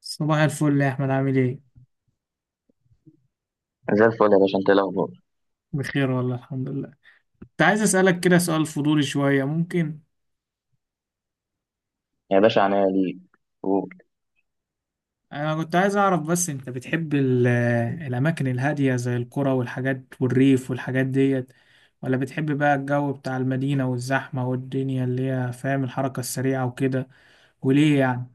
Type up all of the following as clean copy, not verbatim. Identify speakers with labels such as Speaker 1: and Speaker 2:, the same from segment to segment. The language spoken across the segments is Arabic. Speaker 1: صباح الفل يا احمد، عامل ايه؟
Speaker 2: زي الفل يا باشا، انت ايه الاخبار؟
Speaker 1: بخير والله، الحمد لله. كنت عايز اسالك كده سؤال فضولي شويه، ممكن؟
Speaker 2: يا باشا عناية ليك. و-
Speaker 1: انا كنت عايز اعرف بس، انت بتحب الاماكن الهاديه زي القرى والحاجات والريف والحاجات ديت، ولا بتحب بقى الجو بتاع المدينه والزحمه والدنيا اللي هي فاهم، الحركه السريعه وكده؟ وليه يعني؟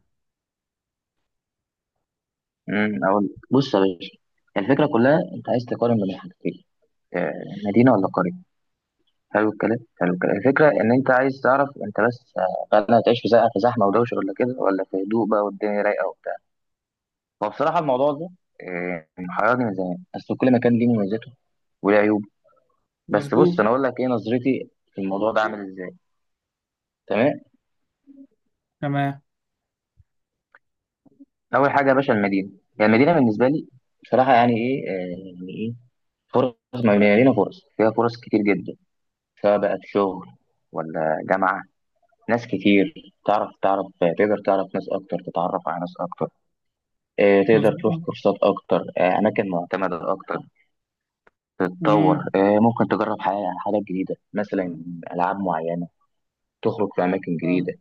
Speaker 2: اقول لك. بص يا باشا، الفكره كلها انت عايز تقارن بين حاجتين. آه، مدينه ولا قريه؟ حلو الكلام، حلو الكلام. الفكره ان انت عايز تعرف انت بس هل هتعيش في في زحمه ودوشه ولا كده، ولا في هدوء بقى والدنيا رايقه وبتاع. وبصراحه الموضوع ده محيرني من زمان، بس كل مكان ليه مميزاته وليه عيوبه. بس
Speaker 1: مظبوط.
Speaker 2: بص، انا اقول لك ايه نظرتي في الموضوع ده عامل ازاي. تمام.
Speaker 1: تمام.
Speaker 2: اول حاجه يا باشا، المدينه، يعني المدينه بالنسبه لي بصراحه يعني ايه، يعني ايه؟ فرص مبنية لينا، فرص فيها، فرص كتير جدا، سواء بقى في شغل ولا جامعة. ناس كتير، تعرف تعرف تقدر تعرف ناس أكتر، تتعرف على ناس أكتر. تقدر تروح
Speaker 1: مظبوط.
Speaker 2: كورسات أكتر، أماكن معتمدة أكتر، تتطور.
Speaker 1: امم.
Speaker 2: ممكن تجرب حاجات جديدة، مثلا ألعاب معينة، تخرج في أماكن جديدة.
Speaker 1: فاهم.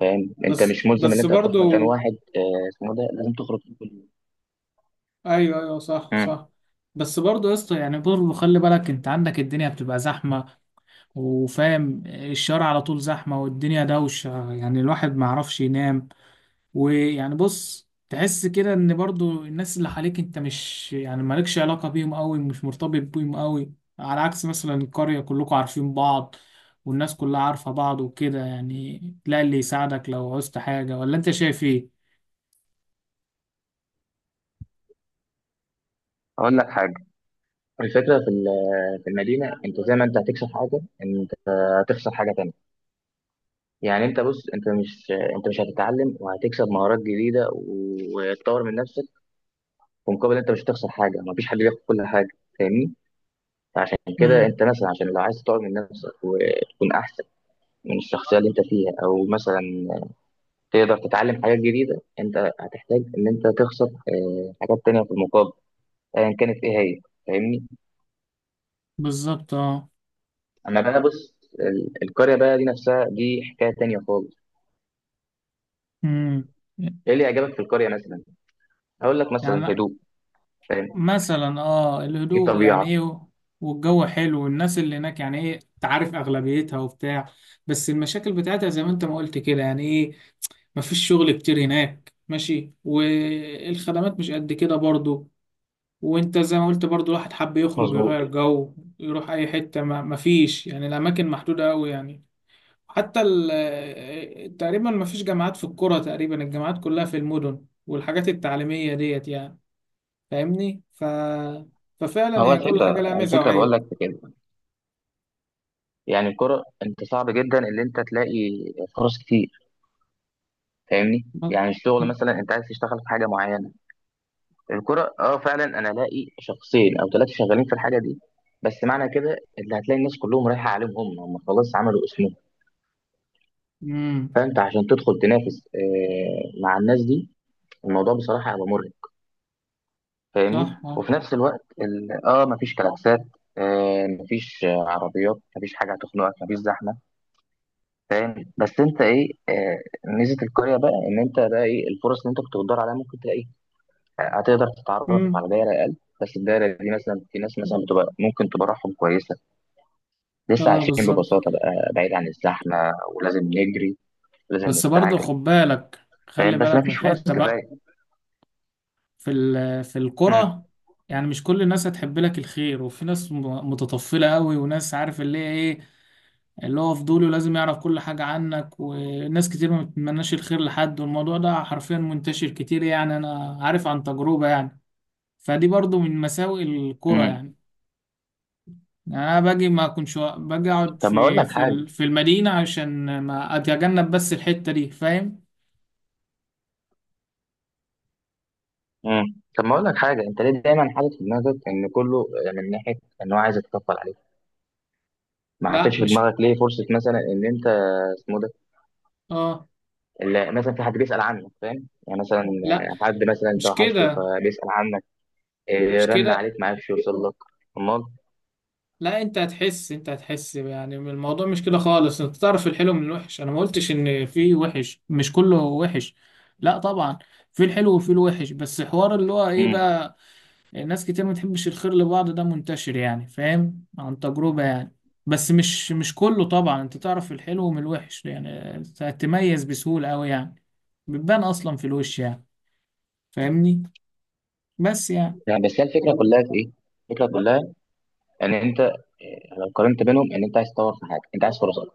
Speaker 2: فاهم؟ أنت
Speaker 1: بس
Speaker 2: مش ملزم إن
Speaker 1: بس
Speaker 2: أنت هتروح
Speaker 1: برضو.
Speaker 2: مكان واحد اسمه ده لازم تخرج كل يوم.
Speaker 1: ايوه، ايوه، صح،
Speaker 2: مم.
Speaker 1: صح. بس برضو يا اسطى، يعني برضو خلي بالك، انت عندك الدنيا بتبقى زحمه، وفاهم الشارع على طول زحمة والدنيا دوشة، يعني الواحد ما يعرفش ينام. ويعني بص، تحس كده ان برضو الناس اللي حواليك، انت مش يعني مالكش علاقة بيهم قوي، مش مرتبط بيهم قوي، على عكس مثلا القرية كلكم عارفين بعض. والناس كلها عارفة بعض وكده، يعني تلاقي اللي يساعدك لو عوزت حاجة، ولا انت شايف ايه؟
Speaker 2: أقول لك حاجة، الفكرة في في المدينة، أنت زي ما أنت هتكسب حاجة، أنت هتخسر حاجة تانية. يعني انت بص، انت مش هتتعلم وهتكسب مهارات جديده وتطور من نفسك ومقابل انت مش هتخسر حاجه. مفيش حد بياخد كل حاجه، فاهمني؟ فعشان كده
Speaker 1: امم.
Speaker 2: انت مثلا، عشان لو عايز تطور من نفسك وتكون احسن من الشخصيه اللي انت فيها، او مثلا تقدر تتعلم حاجات جديده، انت هتحتاج ان انت تخسر حاجات تانية في المقابل، ايا كانت ايه هي. فاهمني؟
Speaker 1: بالظبط، اه.
Speaker 2: اما بقى بص، القريه بقى دي نفسها دي حكايه تانية خالص.
Speaker 1: امم.
Speaker 2: ايه اللي عجبك في القريه مثلا؟ هقول لك مثلا
Speaker 1: يعني
Speaker 2: هدوء، فاهم؟
Speaker 1: مثلا اه
Speaker 2: في
Speaker 1: الهدوء يعني
Speaker 2: طبيعه.
Speaker 1: ايه، والجو حلو، والناس اللي هناك يعني ايه تعرف اغلبيتها وبتاع. بس المشاكل بتاعتها زي ما انت ما قلت كده، يعني ايه، مفيش شغل كتير هناك، ماشي، والخدمات مش قد كده برضو. وانت زي ما قلت برضو، الواحد حب يخرج
Speaker 2: مظبوط.
Speaker 1: يغير جو، يروح اي حتة، ما مفيش يعني، الاماكن محدودة قوي يعني. تقريبا مفيش جامعات في القرى، تقريبا الجامعات كلها في المدن، والحاجات التعليمية ديت يعني، فاهمني. ففعلا
Speaker 2: هو
Speaker 1: هي كل
Speaker 2: الفكرة
Speaker 1: حاجة لها
Speaker 2: على
Speaker 1: ميزة
Speaker 2: فكرة بقول
Speaker 1: وعيب.
Speaker 2: لك في كده، يعني الكرة انت صعب جدا ان انت تلاقي فرص كتير. فاهمني؟ يعني الشغل مثلا، انت عايز تشتغل في حاجة معينة، الكرة اه، فعلا انا الاقي شخصين او ثلاثة شغالين في الحاجة دي. بس معنى كده اللي هتلاقي الناس كلهم رايحة عليهم، هم هم خلاص عملوا اسمهم.
Speaker 1: امم.
Speaker 2: فانت عشان تدخل تنافس مع الناس دي، الموضوع بصراحة هيبقى مرهق. فاهمني؟
Speaker 1: صح، اه.
Speaker 2: وفي نفس الوقت مفيش كلاكسات، مفيش عربيات، مفيش حاجة هتخنقك، مفيش زحمة. فاهم؟ بس انت ايه، ميزه القريه بقى، ان انت بقى ايه الفرص اللي انت كنت بتدور عليها ممكن تلاقي. هتقدر تتعرف على
Speaker 1: امم.
Speaker 2: دايره اقل، بس الدايره دي مثلا في ناس مثلا بتبقى ممكن تبرحهم كويسه، لسه
Speaker 1: اه،
Speaker 2: عايشين
Speaker 1: بالظبط.
Speaker 2: ببساطه بقى، بعيد عن الزحمه ولازم نجري ولازم
Speaker 1: بس برضه
Speaker 2: نستعجل.
Speaker 1: خد بالك، خلي
Speaker 2: فاهم؟ بس ما
Speaker 1: بالك
Speaker 2: فيش
Speaker 1: من
Speaker 2: فرص
Speaker 1: حتة بقى
Speaker 2: كفايه.
Speaker 1: في
Speaker 2: مم.
Speaker 1: الكرة. يعني مش كل الناس هتحب لك الخير، وفي ناس متطفلة قوي، وناس عارف اللي هي ايه، اللي هو فضوله لازم يعرف كل حاجة عنك. وناس كتير ما بتتمناش الخير لحد، والموضوع ده حرفيا منتشر كتير، يعني انا عارف عن تجربة يعني. فدي برضه من مساوئ الكرة
Speaker 2: مم.
Speaker 1: يعني. يعني انا باجي ما اكونش باجي اقعد
Speaker 2: طب ما اقول لك حاجه
Speaker 1: في المدينه، عشان ما اتجنب بس الحته دي، فاهم.
Speaker 2: مم. طب ما اقول لك حاجه، انت ليه دايما حاطط في دماغك ان كله من ناحيه ان هو عايز يتكفل عليك؟ ما حطيتش
Speaker 1: لا
Speaker 2: في
Speaker 1: مش،
Speaker 2: دماغك ليه فرصه مثلا ان انت اسمه ده،
Speaker 1: اه،
Speaker 2: اللي مثلا في حد بيسأل عنك، فاهم؟ يعني مثلا
Speaker 1: لا
Speaker 2: حد مثلا انت
Speaker 1: مش
Speaker 2: وحشته
Speaker 1: كده،
Speaker 2: فبيسأل عنك،
Speaker 1: مش
Speaker 2: رن
Speaker 1: كده.
Speaker 2: عليك ما عرفش يوصل لك. امال.
Speaker 1: لا، انت هتحس، انت هتحس يعني من الموضوع، مش كده خالص، انت تعرف الحلو من الوحش، انا ما قلتش ان في وحش، مش كله وحش. لا طبعا. في الحلو وفي الوحش، بس حوار اللي هو ايه
Speaker 2: امم
Speaker 1: بقى، يعني ناس كتير ما تحبش الخير لبعض، ده منتشر يعني، فاهم، عن تجربة يعني. بس مش كله طبعا، انت تعرف الحلو من الوحش يعني، تميز بسهولة أوي يعني، بتبان أصلا في الوش يعني. فاهمني. بس يعني.
Speaker 2: يعني بس هي الفكره كلها في ايه، الفكره كلها ان انت لو قارنت بينهم، ان انت عايز تطور في حاجه، انت عايز فرص اكتر.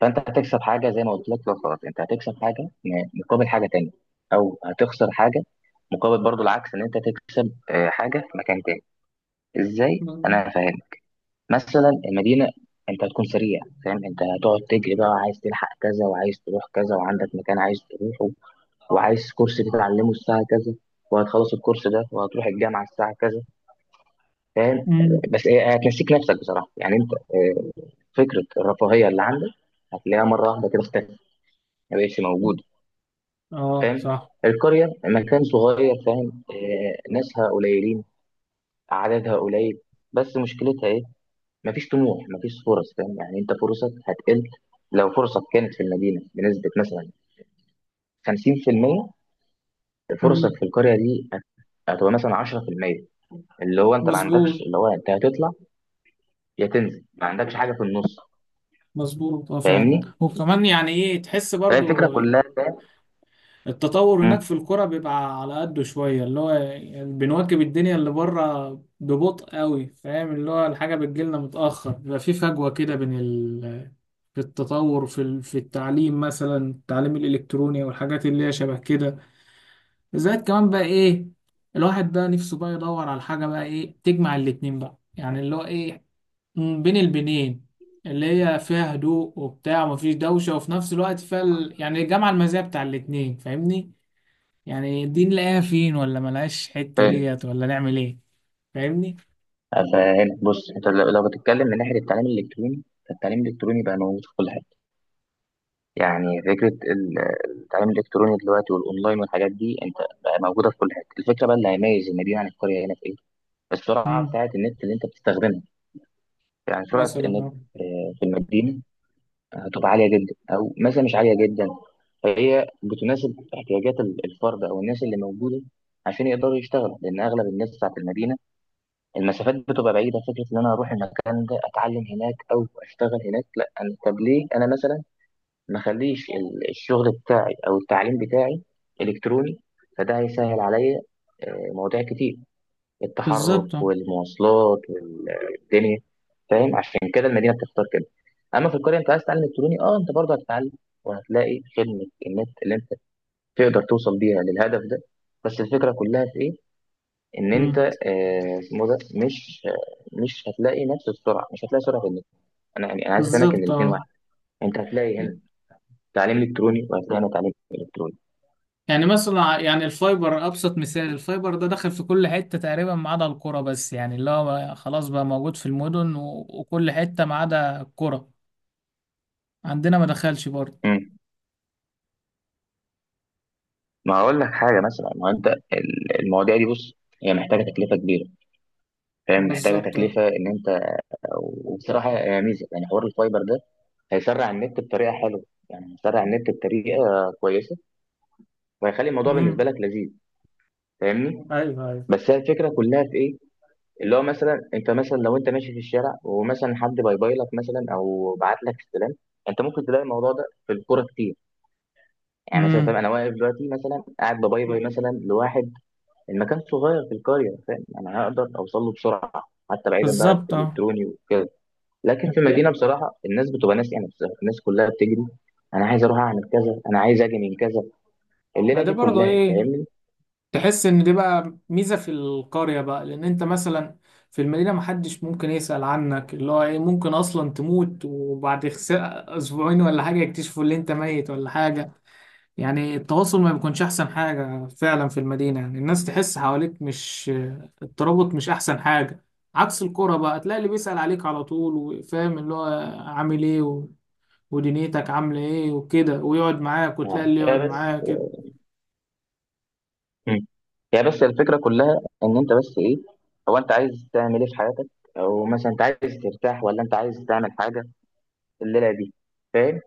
Speaker 2: فانت هتكسب حاجه زي ما قلت لك، لو فرص انت هتكسب حاجه مقابل حاجه تانية، او هتخسر حاجه مقابل، برضو العكس ان انت تكسب حاجه في مكان تاني. ازاي؟ انا فاهم. مثلا المدينه، انت هتكون سريع، فاهم؟ انت هتقعد تجري بقى، عايز تلحق كذا، وعايز تروح كذا، وعندك مكان عايز تروحه، وعايز كورس تتعلمه الساعه كذا، وهتخلص الكورس ده وهتروح الجامعه الساعه كذا. فاهم؟
Speaker 1: امم.
Speaker 2: بس هي هتنسيك نفسك بصراحه، يعني انت فكره الرفاهيه اللي عندك هتلاقيها مره واحده كده اختفت، ما بقتش موجوده.
Speaker 1: اه،
Speaker 2: فاهم؟
Speaker 1: صح.
Speaker 2: القريه مكان صغير، فاهم؟ ناسها قليلين، عددها قليل. بس مشكلتها ايه؟ مفيش طموح، مفيش فرص. فاهم؟ يعني انت فرصك هتقل، لو فرصك كانت في المدينه بنسبه مثلا 50%، فرصك
Speaker 1: امم.
Speaker 2: في القريه دي هتبقى مثلا 10%. اللي هو انت ما عندكش،
Speaker 1: مظبوط.
Speaker 2: اللي هو انت هتطلع يا تنزل، ما عندكش حاجه في النص.
Speaker 1: مظبوط، اه، فعلا.
Speaker 2: فاهمني؟
Speaker 1: وكمان يعني ايه، تحس
Speaker 2: فهي الفكره
Speaker 1: برضو
Speaker 2: كلها، فاهم؟
Speaker 1: التطور
Speaker 2: مم،
Speaker 1: هناك في الكرة بيبقى على قده شوية، اللي هو يعني بنواكب الدنيا اللي بره ببطء قوي، فاهم، اللي هو الحاجة بتجيلنا متأخر، بيبقى في فجوة كده في التطور في التعليم مثلا، التعليم الإلكتروني والحاجات اللي هي شبه كده. زائد كمان بقى إيه، الواحد بقى نفسه بقى يدور على حاجة بقى إيه تجمع الاتنين بقى، يعني اللي هو إيه، بين البنين، اللي هي فيها هدوء وبتاع، ومفيش دوشة، وفي نفس الوقت فيها ال... يعني جمع المزايا بتاع الاتنين، فاهمني. يعني دي نلاقيها فين، ولا ملهاش حتة
Speaker 2: فاهم؟
Speaker 1: ديت، ولا نعمل ايه؟ فاهمني.
Speaker 2: فهنا بص، انت لو بتتكلم من ناحيه التعليم الالكتروني، فالتعليم الالكتروني بقى موجود في كل حته. يعني فكره التعليم الالكتروني دلوقتي والاونلاين والحاجات دي انت، بقى موجوده في كل حته. الفكره بقى اللي هيميز المدينه عن القريه هنا في ايه؟ السرعه
Speaker 1: امم.
Speaker 2: بتاعت النت اللي انت بتستخدمها. يعني سرعه
Speaker 1: مثلا
Speaker 2: النت
Speaker 1: اه.
Speaker 2: في المدينه هتبقى عاليه جدا، او مثلا مش عاليه جدا. فهي بتناسب احتياجات الفرد او الناس اللي موجوده عشان يقدروا يشتغلوا، لان اغلب الناس بتاعت المدينه المسافات بتبقى بعيده. فكره ان انا اروح المكان ده اتعلم هناك او اشتغل هناك، لا أنا- طب ليه انا مثلا ما اخليش الشغل بتاعي او التعليم بتاعي الكتروني؟ فده هيسهل عليا مواضيع كتير، التحرك
Speaker 1: بالظبط، اه.
Speaker 2: والمواصلات والدنيا. فاهم؟ عشان كده المدينه بتختار كده. اما في القريه، انت عايز تتعلم الكتروني، انت برضه هتتعلم، وهتلاقي خدمه النت اللي انت تقدر توصل بيها للهدف ده. بس الفكره كلها في ايه، ان انت
Speaker 1: امم.
Speaker 2: اسمه ده مش هتلاقي نفس السرعه، مش هتلاقي سرعه في النت. انا يعني، انا عايز افهمك ان
Speaker 1: بالظبط،
Speaker 2: الاثنين
Speaker 1: اه.
Speaker 2: واحد. انت هتلاقي هنا تعليم الكتروني، وهتلاقي هنا تعليم الكتروني.
Speaker 1: يعني مثلا، يعني الفايبر ابسط مثال، الفايبر ده دخل في كل حتة تقريبا ما عدا القرى، بس يعني اللي هو خلاص بقى موجود في المدن وكل حتة ما عدا القرى، عندنا ما دخلش برضه.
Speaker 2: امم ما هقول لك حاجه مثلا، ما هو انت المواضيع دي بص، هي محتاجه تكلفه كبيره، فاهم؟ محتاجه
Speaker 1: بالظبط، اه.
Speaker 2: تكلفه ان انت، وبصراحه يا ميزه، يعني حوار الفايبر ده هيسرع النت بطريقه حلوه، يعني هيسرع النت بطريقه كويسه، وهيخلي الموضوع بالنسبه
Speaker 1: امم.
Speaker 2: لك لذيذ. فاهمني؟
Speaker 1: ايوه، ايوه.
Speaker 2: بس هي الفكره كلها في ايه، اللي هو مثلا انت، مثلا لو انت ماشي في الشارع ومثلا حد باي باي لك مثلا، او بعت لك استلام، انت ممكن تلاقي الموضوع ده في الكوره كتير. يعني مثلا، فاهم؟
Speaker 1: امم.
Speaker 2: انا واقف دلوقتي مثلا، قاعد بباي باي مثلا لواحد، المكان صغير في القريه، فاهم؟ انا هقدر اوصل له بسرعه، حتى بعيدا بقى
Speaker 1: بالظبط، اه.
Speaker 2: الكتروني وكده. لكن في المدينه بصراحه الناس بتبقى ناس يعني، بصراحة الناس كلها بتجري. انا عايز اروح اعمل كذا، انا عايز اجي من كذا،
Speaker 1: ما
Speaker 2: الليله
Speaker 1: ده
Speaker 2: دي
Speaker 1: برضه
Speaker 2: كلها.
Speaker 1: ايه،
Speaker 2: فاهمني؟
Speaker 1: تحس ان دي بقى ميزه في القريه بقى، لان انت مثلا في المدينه محدش ممكن يسال عنك، اللي هو ايه، ممكن اصلا تموت وبعد اسبوعين ولا حاجه يكتشفوا ان انت ميت ولا حاجه. يعني التواصل ما بيكونش احسن حاجه فعلا في المدينه، يعني الناس تحس حواليك مش، الترابط مش احسن حاجه. عكس القرى بقى، تلاقي اللي بيسال عليك على طول، وفاهم اللي هو عامل ايه ودنيتك عامله ايه وكده، ويقعد معاك، وتلاقي
Speaker 2: آه.
Speaker 1: اللي
Speaker 2: هي
Speaker 1: يقعد
Speaker 2: بس
Speaker 1: معاك كده.
Speaker 2: مم. هي بس الفكره كلها ان انت بس ايه، هو انت عايز تعمل ايه في حياتك، او مثلا انت عايز ترتاح، ولا انت عايز تعمل حاجه الليله دي. فاهم؟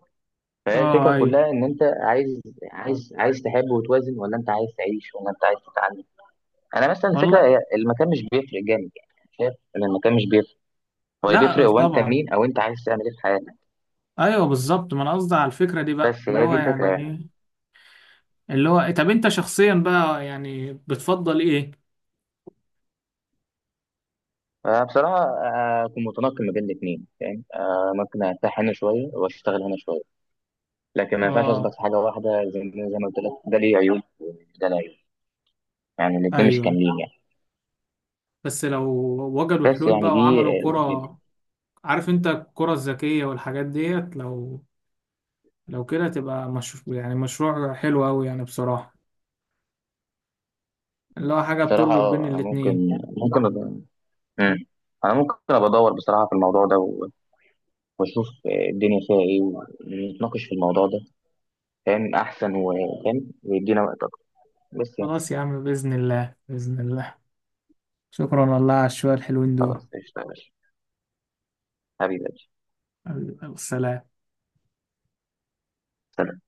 Speaker 2: فهي
Speaker 1: اه،
Speaker 2: الفكره
Speaker 1: ايوه.
Speaker 2: كلها ان انت عايز تحب وتوازن، ولا انت عايز تعيش، ولا انت عايز تتعلم. انا مثلا الفكره
Speaker 1: والله.
Speaker 2: هي المكان مش بيفرق جامد، يعني شايف ان المكان مش بيفرق. هو اللي بيفرق
Speaker 1: لا
Speaker 2: هو انت
Speaker 1: طبعا.
Speaker 2: مين، او انت عايز تعمل ايه في حياتك.
Speaker 1: ايوه بالظبط، ما انا قصدي على الفكره دي بقى،
Speaker 2: بس
Speaker 1: اللي
Speaker 2: هي دي
Speaker 1: هو
Speaker 2: الفكره
Speaker 1: يعني
Speaker 2: يعني.
Speaker 1: ايه، اللي هو إيه؟ طب انت شخصيا بقى يعني بتفضل ايه؟
Speaker 2: بصراحه اكون متنقل ما بين الاثنين، فاهم؟ ممكن ارتاح هنا شويه، واشتغل هنا شويه. لكن ما ينفعش اثبت
Speaker 1: اه،
Speaker 2: في حاجه واحده، زي ما قلت لك، ده ليه عيوب وده ليه عيوب. يعني الاثنين مش
Speaker 1: ايوه.
Speaker 2: كاملين يعني.
Speaker 1: بس لو وجدوا
Speaker 2: بس
Speaker 1: حلول
Speaker 2: يعني
Speaker 1: بقى
Speaker 2: دي
Speaker 1: وعملوا
Speaker 2: فكرتي.
Speaker 1: كرة، عارف انت الكرة الذكيه والحاجات ديت، لو لو كده تبقى مش يعني مشروع حلو قوي يعني بصراحه، اللي هو حاجه
Speaker 2: بصراحه
Speaker 1: بتربط بين
Speaker 2: انا
Speaker 1: الاتنين.
Speaker 2: ممكن، ممكن أبقى- مم. انا ممكن ابقى ادور بصراحه في الموضوع ده واشوف الدنيا فيها ايه، ونتناقش في الموضوع ده. فاهم احسن، وفاهم ويدينا وقت اكتر. بس يعني،
Speaker 1: خلاص يا عم، باذن الله، باذن الله. شكرا والله على الشويه الحلوين دول.
Speaker 2: خلاص، اشتغل حبيبي.
Speaker 1: السلام.
Speaker 2: سلام.